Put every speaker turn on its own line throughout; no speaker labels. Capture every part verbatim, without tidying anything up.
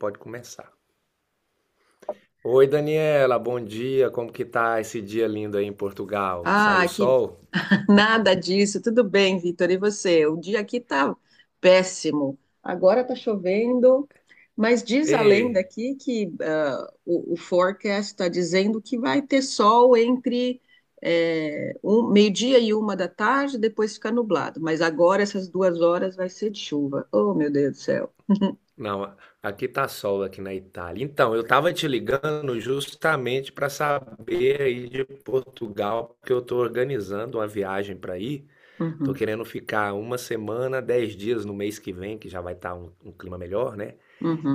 Pode começar. Oi, Daniela, bom dia. Como que tá esse dia lindo aí em Portugal?
Ah,
Saiu
que
sol?
nada disso. Tudo bem, Vitor. E você? O dia aqui tá péssimo. Agora tá chovendo, mas diz
Ê,
a lenda aqui que ah, o, o forecast está dizendo que vai ter sol entre eh, um- meio-dia e uma da tarde, depois fica nublado. Mas agora essas duas horas vai ser de chuva. Oh, meu Deus do céu.
não, aqui tá sol aqui na Itália. Então, eu tava te ligando justamente para saber aí de Portugal, porque eu tô organizando uma viagem para ir. Tô
Uhum,
querendo ficar uma semana, dez dias no mês que vem, que já vai estar um, um clima melhor, né?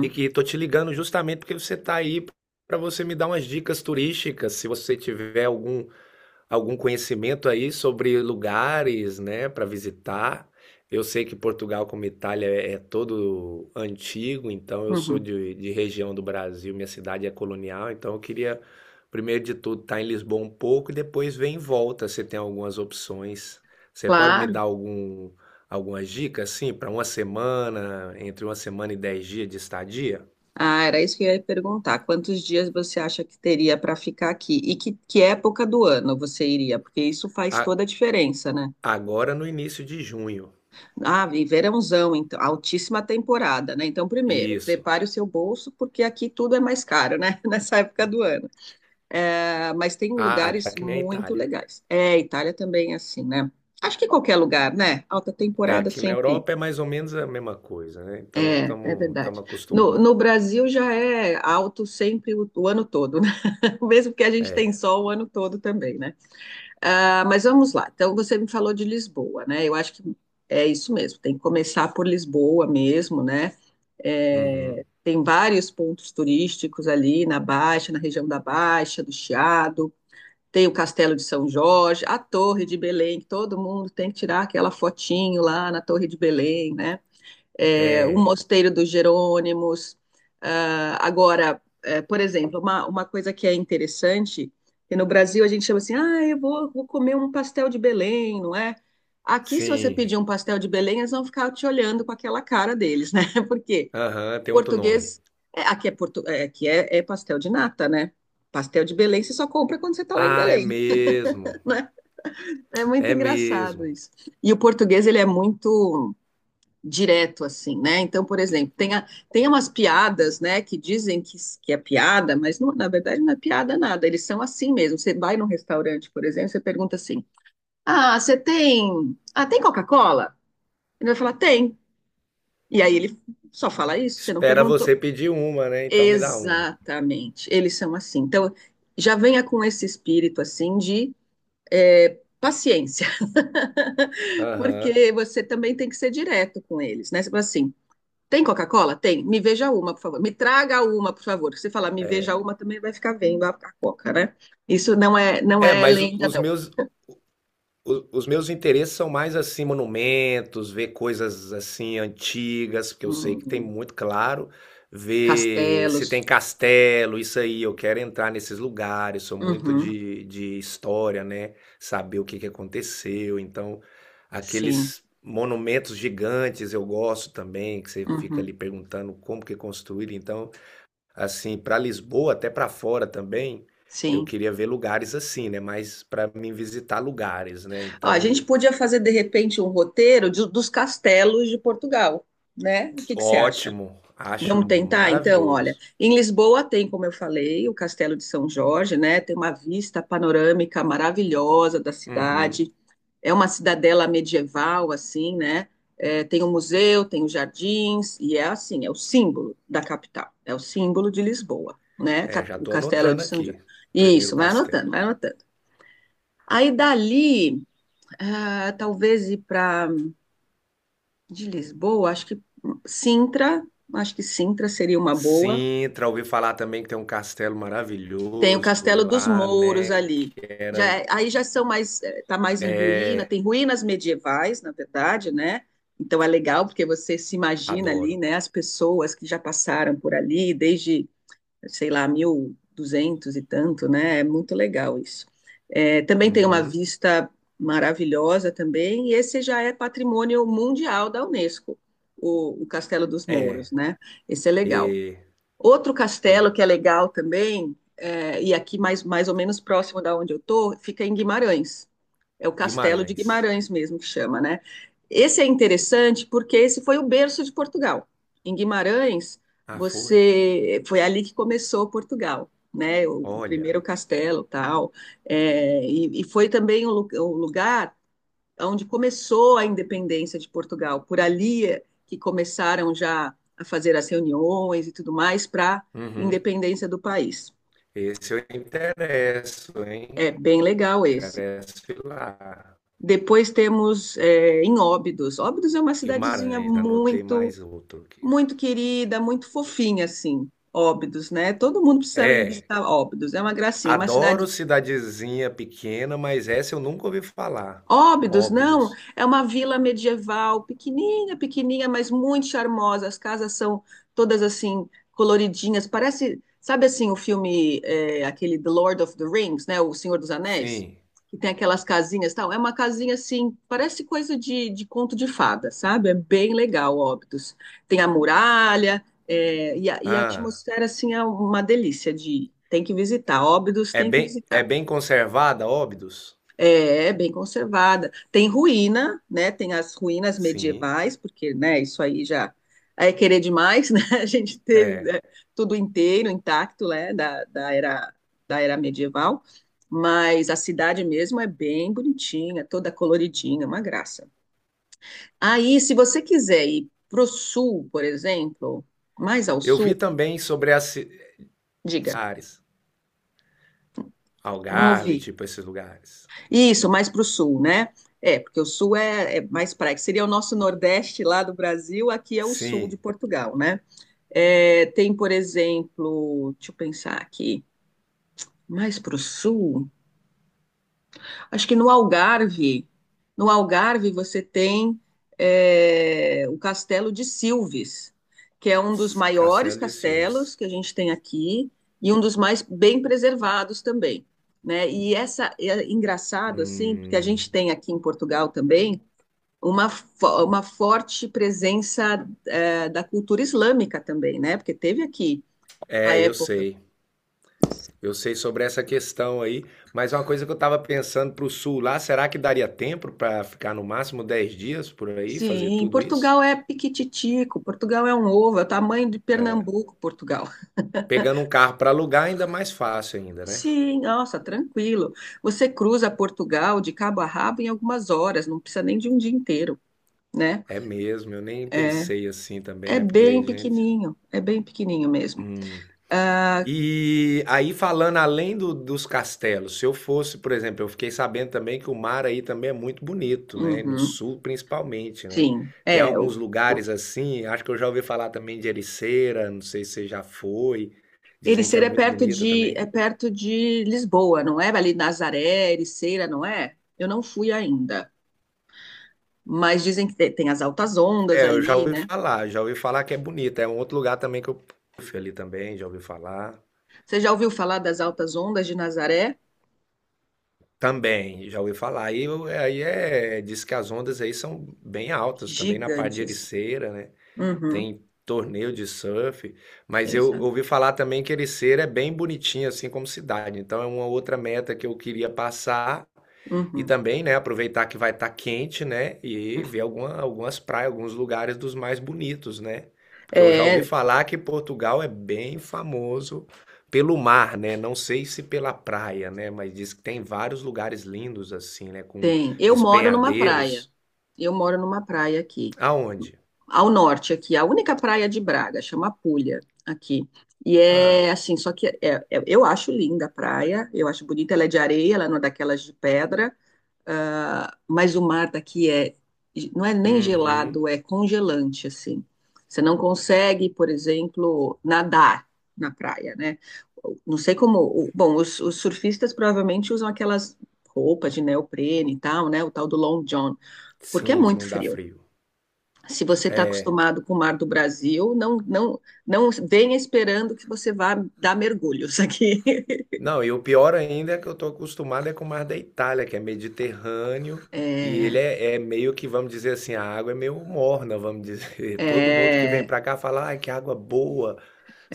E que tô te ligando justamente porque você tá aí para você me dar umas dicas turísticas, se você tiver algum algum conhecimento aí sobre lugares, né, para visitar? Eu sei que Portugal, como Itália, é é todo antigo, então eu sou
uhum.
de, de região do Brasil, minha cidade é colonial, então eu queria, primeiro de tudo, estar em Lisboa um pouco e depois ver em volta se tem algumas opções. Você pode me dar
Claro.
algum, algumas dicas, assim, para uma semana, entre uma semana e dez dias de estadia?
Ah, era isso que eu ia perguntar. Quantos dias você acha que teria para ficar aqui? E que, que época do ano você iria? Porque isso faz
A-
toda a diferença, né?
Agora no início de junho.
Ah, e verãozão, então, altíssima temporada, né? Então, primeiro,
Isso.
prepare o seu bolso, porque aqui tudo é mais caro, né? Nessa época do ano. Ah, mas tem
Ah, tá
lugares
que nem a
muito
Itália.
legais. É, Itália também é assim, né? Acho que qualquer lugar, né? Alta
É,
temporada
aqui na
sempre.
Europa é mais ou menos a mesma coisa, né? Então
É, é
estamos
verdade.
estamos
No,
acostumados.
no Brasil já é alto sempre o o ano todo. Mesmo que a gente tem
É.
sol o ano todo também, né? Ah, mas vamos lá. Então, você me falou de Lisboa, né? Eu acho que é isso mesmo, tem que começar por Lisboa mesmo, né? É,
Uhum.
tem vários pontos turísticos ali na Baixa, na região da Baixa, do Chiado. Tem o Castelo de São Jorge, a Torre de Belém, que todo mundo tem que tirar aquela fotinho lá na Torre de Belém, né? É, o
É.
Mosteiro dos Jerônimos. Ah, agora, é, por exemplo, uma, uma coisa que é interessante, que no Brasil a gente chama assim, ah, eu vou, vou comer um pastel de Belém, não é? Aqui, se você
Sim.
pedir um pastel de Belém, eles vão ficar te olhando com aquela cara deles, né? Porque
Aham, tem outro nome.
português, é, aqui, é, portu, é, aqui é, é pastel de nata, né? Pastel de Belém você só compra quando você está lá em
Ah, é
Belém.
mesmo.
É muito
É
engraçado
mesmo.
isso. E o português, ele é muito direto assim, né? Então, por exemplo, tem, a, tem umas piadas, né, que dizem que, que é piada, mas não- na verdade não é piada nada, eles são assim mesmo. Você vai num restaurante, por exemplo, você pergunta assim: "Ah, você tem, ah, tem Coca-Cola?" Ele vai falar: "Tem". E aí ele só fala isso, você não
Espera
perguntou.
você pedir uma, né? Então me dá uma.
Exatamente. Eles são assim. Então, já venha com esse espírito assim de é, paciência,
Aham.
porque você também tem que ser direto com eles, né? Você fala assim, tem Coca-Cola? Tem. Me veja uma, por favor. Me traga uma, por favor. Se falar me veja uma, também vai ficar vendo a, a Coca, né? Isso não é, não
É,
é
mas
lenda,
os
não.
meus o- os meus interesses são mais assim, monumentos, ver coisas assim antigas, porque eu sei que tem
Hum,
muito, claro, ver se
castelos.
tem castelo, isso aí, eu quero entrar nesses lugares, sou muito
Uhum,
de, de história, né? Saber o que que aconteceu, então
sim.
aqueles monumentos gigantes eu gosto também, que você fica
Uhum,
ali perguntando como que construíram, então assim, para Lisboa, até para fora também, eu
sim.
queria ver lugares assim, né? Mas para mim visitar lugares, né?
Ó, a gente
Então,
podia fazer, de repente, um roteiro de- dos castelos de Portugal, né? O que que você acha?
ótimo, acho
Vamos tentar, então, olha.
maravilhoso.
Em Lisboa tem, como eu falei, o Castelo de São Jorge, né? Tem uma vista panorâmica maravilhosa da
Uhum.
cidade. É uma cidadela medieval, assim, né? É, tem um museu, tem os jardins, e é assim, é o símbolo da capital, é o símbolo de Lisboa, né?
É,
Cap-
já
O
tô
Castelo de
anotando
São João.
aqui. Primeiro
Isso, vai
castelo.
anotando, vai anotando. Aí dali, ah, talvez ir para de Lisboa, acho que Sintra, acho que Sintra seria uma boa.
Sintra, ouvi falar também que tem um castelo
Tem o
maravilhoso
Castelo dos
lá,
Mouros
né?
ali.
Que
Já,
era.
é- aí já são mais, está mais em ruína,
É,
tem ruínas medievais, na verdade, né? Então é legal porque você se imagina ali,
adoro.
né, as pessoas que já passaram por ali desde, sei lá, mil e duzentos e duzentos e tanto, né? É muito legal isso. Eh, também tem uma
Uhum.
vista maravilhosa também, e esse já é patrimônio mundial da Unesco, o, o Castelo dos Mouros,
É,
né? Esse é legal.
e
Outro
eu.
castelo que é legal também, é, e aqui mais, mais ou menos próximo da onde eu tô, fica em Guimarães. É o Castelo de
Guimarães.
Guimarães mesmo que chama, né? Esse é interessante porque esse foi o berço de Portugal. Em Guimarães,
Ah, foi?
você foi ali que começou Portugal, né? O
Olha.
primeiro castelo, tal, é, e, e foi também o, lu- o lugar onde começou a independência de Portugal. Por ali é que começaram já a fazer as reuniões e tudo mais para a
Uhum.
independência do país.
Esse eu interesso, hein?
É bem legal esse.
Interesso lá.
Depois temos é, em Óbidos. Óbidos é uma cidadezinha
Guimarães, anotei mais
muito,
outro aqui.
muito querida, muito fofinha, assim. Óbidos, né? Todo mundo precisa ir
É,
visitar Óbidos. É uma gracinha, é uma
adoro
cidade.
cidadezinha pequena, mas essa eu nunca ouvi falar.
Óbidos, não,
Óbidos.
é uma vila medieval, pequenininha, pequenininha, mas muito charmosa. As casas são todas assim coloridinhas. Parece, sabe assim, o filme é, aquele The Lord of the Rings, né, O Senhor dos Anéis,
Sim.
que tem aquelas casinhas, e tal. É uma casinha assim, parece coisa de, de conto de fada, sabe? É bem legal, Óbidos. Tem a muralha, é, e, a, e a
Ah,
atmosfera assim é uma delícia de ir. Tem que visitar, Óbidos
é
tem que
bem, é
visitar.
bem conservada, Óbidos?
É, bem conservada. Tem ruína, né? Tem as ruínas
Sim,
medievais, porque, né, isso aí já é querer demais, né? A gente ter
é.
né, tudo inteiro, intacto, né, da, da era, da era medieval. Mas a cidade mesmo é bem bonitinha, toda coloridinha, uma graça. Aí, se você quiser ir pro sul, por exemplo, mais ao
Eu
sul,
vi também sobre as ci-
diga,
áreas,
não
Algarve,
ouvi.
tipo esses lugares.
Isso, mais para o sul, né? É, porque o sul é, é mais praia, que seria o nosso nordeste lá do Brasil, aqui é o sul de
Sim,
Portugal, né? É, tem, por exemplo, deixa eu pensar aqui, mais para o sul, acho que no Algarve, no Algarve você tem é, o Castelo de Silves, que é um dos maiores
Castelo de
castelos
Silves.
que a gente tem aqui e um dos mais bem preservados também, né? E essa é engraçado assim, porque a
Hum,
gente tem aqui em Portugal também uma, fo- uma forte presença é, da cultura islâmica também, né? Porque teve aqui a
é, eu
época.
sei. Eu sei sobre essa questão aí, mas é uma coisa que eu estava pensando para o sul lá, será que daria tempo para ficar no máximo dez dias por aí, fazer
Sim,
tudo isso?
Portugal é piquititico, Portugal é um ovo, é o tamanho de Pernambuco, Portugal.
Pegando um carro para alugar é ainda mais fácil ainda, né?
Sim, nossa, tranquilo. Você cruza Portugal de cabo a rabo em algumas horas, não precisa nem de um dia inteiro, né?
É mesmo, eu nem
É,
pensei assim também,
é
né?
bem
Porque, gente,
pequenininho, é bem pequenininho mesmo.
hum,
Ah,
e aí, falando além do- dos castelos, se eu fosse, por exemplo, eu fiquei sabendo também que o mar aí também é muito bonito, né? No
uhum,
sul, principalmente, né?
sim,
Tem
é.
alguns
o-
lugares assim, acho que eu já ouvi falar também de Ericeira, não sei se você já foi, dizem que é
Ericeira é
muito
perto
bonita
de, é
também.
perto de Lisboa, não é? Ali Nazaré, Ericeira, não é? Eu não fui ainda, mas dizem que te- tem as altas ondas
É, eu já
ali,
ouvi
né?
falar, já ouvi falar que é bonita. É um outro lugar também que eu fui ali também, já ouvi falar.
Você já ouviu falar das altas ondas de Nazaré?
Também, já ouvi falar. Aí, eu- aí é, diz que as ondas aí são bem altas também na parte de
Gigantes.
Ericeira, né?
Uhum,
Tem torneio de surf, mas eu
exato.
ouvi falar também que Ericeira é bem bonitinha, assim como cidade. Então é uma outra meta que eu queria passar e
Uhum.
também, né, aproveitar que vai estar quente, né, e ver alguma, algumas praias, alguns lugares dos mais bonitos, né? Porque eu já ouvi
É,
falar que Portugal é bem famoso pelo mar, né? Não sei se pela praia, né, mas diz que tem vários lugares lindos assim, né, com
tem. Eu moro numa praia.
despenhadeiros.
Eu moro numa praia aqui,
Aonde?
ao norte aqui, a única praia de Braga, chama Pulha aqui. E
Ah,
é assim, só que é- é- eu acho linda a praia, eu acho bonita, ela é de areia, ela não é daquelas de pedra. Ah, mas o mar daqui é, não é nem
uhum,
gelado, é congelante, assim. Você não consegue, por exemplo, nadar na praia, né? Não sei como. o- Bom, os, os surfistas provavelmente usam aquelas roupas de neoprene e tal, né? O tal do long john, porque é
sim, que
muito
não dá
frio.
frio.
Se você está acostumado com o mar do Brasil, não, não, não venha esperando que você vá dar mergulhos aqui.
Não, e o pior ainda é que eu tô acostumado é com o mar da Itália, que é Mediterrâneo, e ele
É,
é, é meio que, vamos dizer assim, a água é meio morna, vamos dizer. Todo mundo que vem
é,
pra cá fala, ai, que água boa,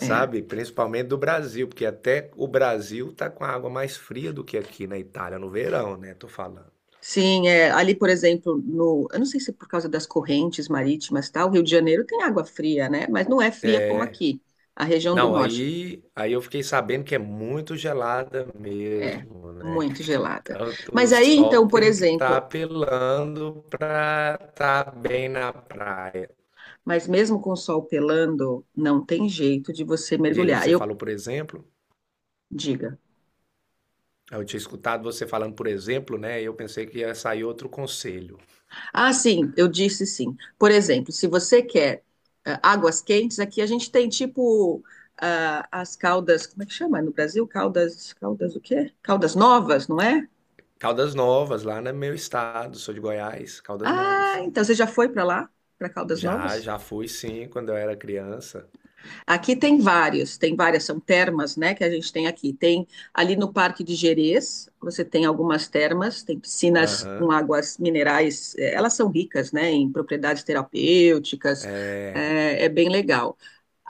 é.
Principalmente do Brasil, porque até o Brasil tá com a água mais fria do que aqui na Itália, no verão, né? Tô falando.
Sim, é, ali, por exemplo, no, eu não sei se é por causa das correntes marítimas e tal, o Rio de Janeiro tem água fria, né? Mas não é fria como aqui, a região do
Não,
norte.
aí, aí eu fiquei sabendo que é muito gelada
É,
mesmo, né?
muito gelada.
Tanto o
Mas aí,
sol
então, por
tem que estar
exemplo,
apelando para estar bem na praia.
mas mesmo com o sol pelando, não tem jeito de você
Diga,
mergulhar.
você
Eu,
falou por exemplo,
diga.
eu tinha escutado você falando por exemplo, né, e eu pensei que ia sair outro conselho.
Ah, sim, eu disse sim. Por exemplo, se você quer ah, águas quentes, aqui a gente tem tipo ah, as caldas, como é que chama no Brasil? Caldas, caldas o quê? Caldas Novas, não é?
Caldas Novas, lá no meu estado, sou de Goiás, Caldas
Ah,
Novas.
então você já foi para lá, para Caldas
Já,
Novas?
já fui sim, quando eu era criança.
Aqui tem vários, tem várias, são termas, né, que a gente tem aqui. Tem ali no Parque de Gerês, você tem algumas termas, tem piscinas com
Aham.
águas minerais, eh, elas são ricas, né, em propriedades terapêuticas, eh, é, bem legal.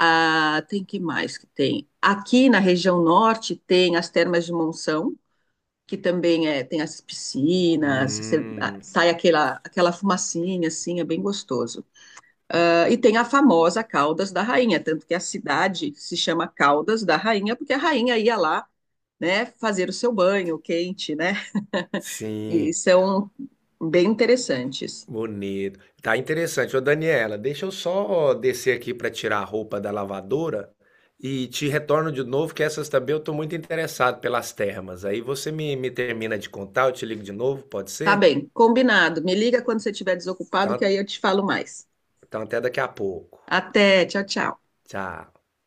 Ah, tem que mais que tem? Aqui na região norte tem as termas de Monção, que também é, tem as piscinas, você- ah,
Hum,
sai aquela, aquela fumacinha, assim, é bem gostoso. Ah, e tem a famosa Caldas da Rainha, tanto que a cidade se chama Caldas da Rainha, porque a rainha ia lá, né, fazer o seu banho quente, né? E
sim,
são bem interessantes.
bonito. Tá interessante. Ô, Daniela, deixa eu só descer aqui para tirar a roupa da lavadora e te retorno de novo, que essas também eu tô muito interessado pelas termas. Aí você me, me termina de contar, eu te ligo de novo, pode
Tá
ser?
bem, combinado. Me liga quando você estiver desocupado, que
Então,
aí eu te falo mais.
Então, até daqui a pouco.
Até, tchau, tchau.
Tchau.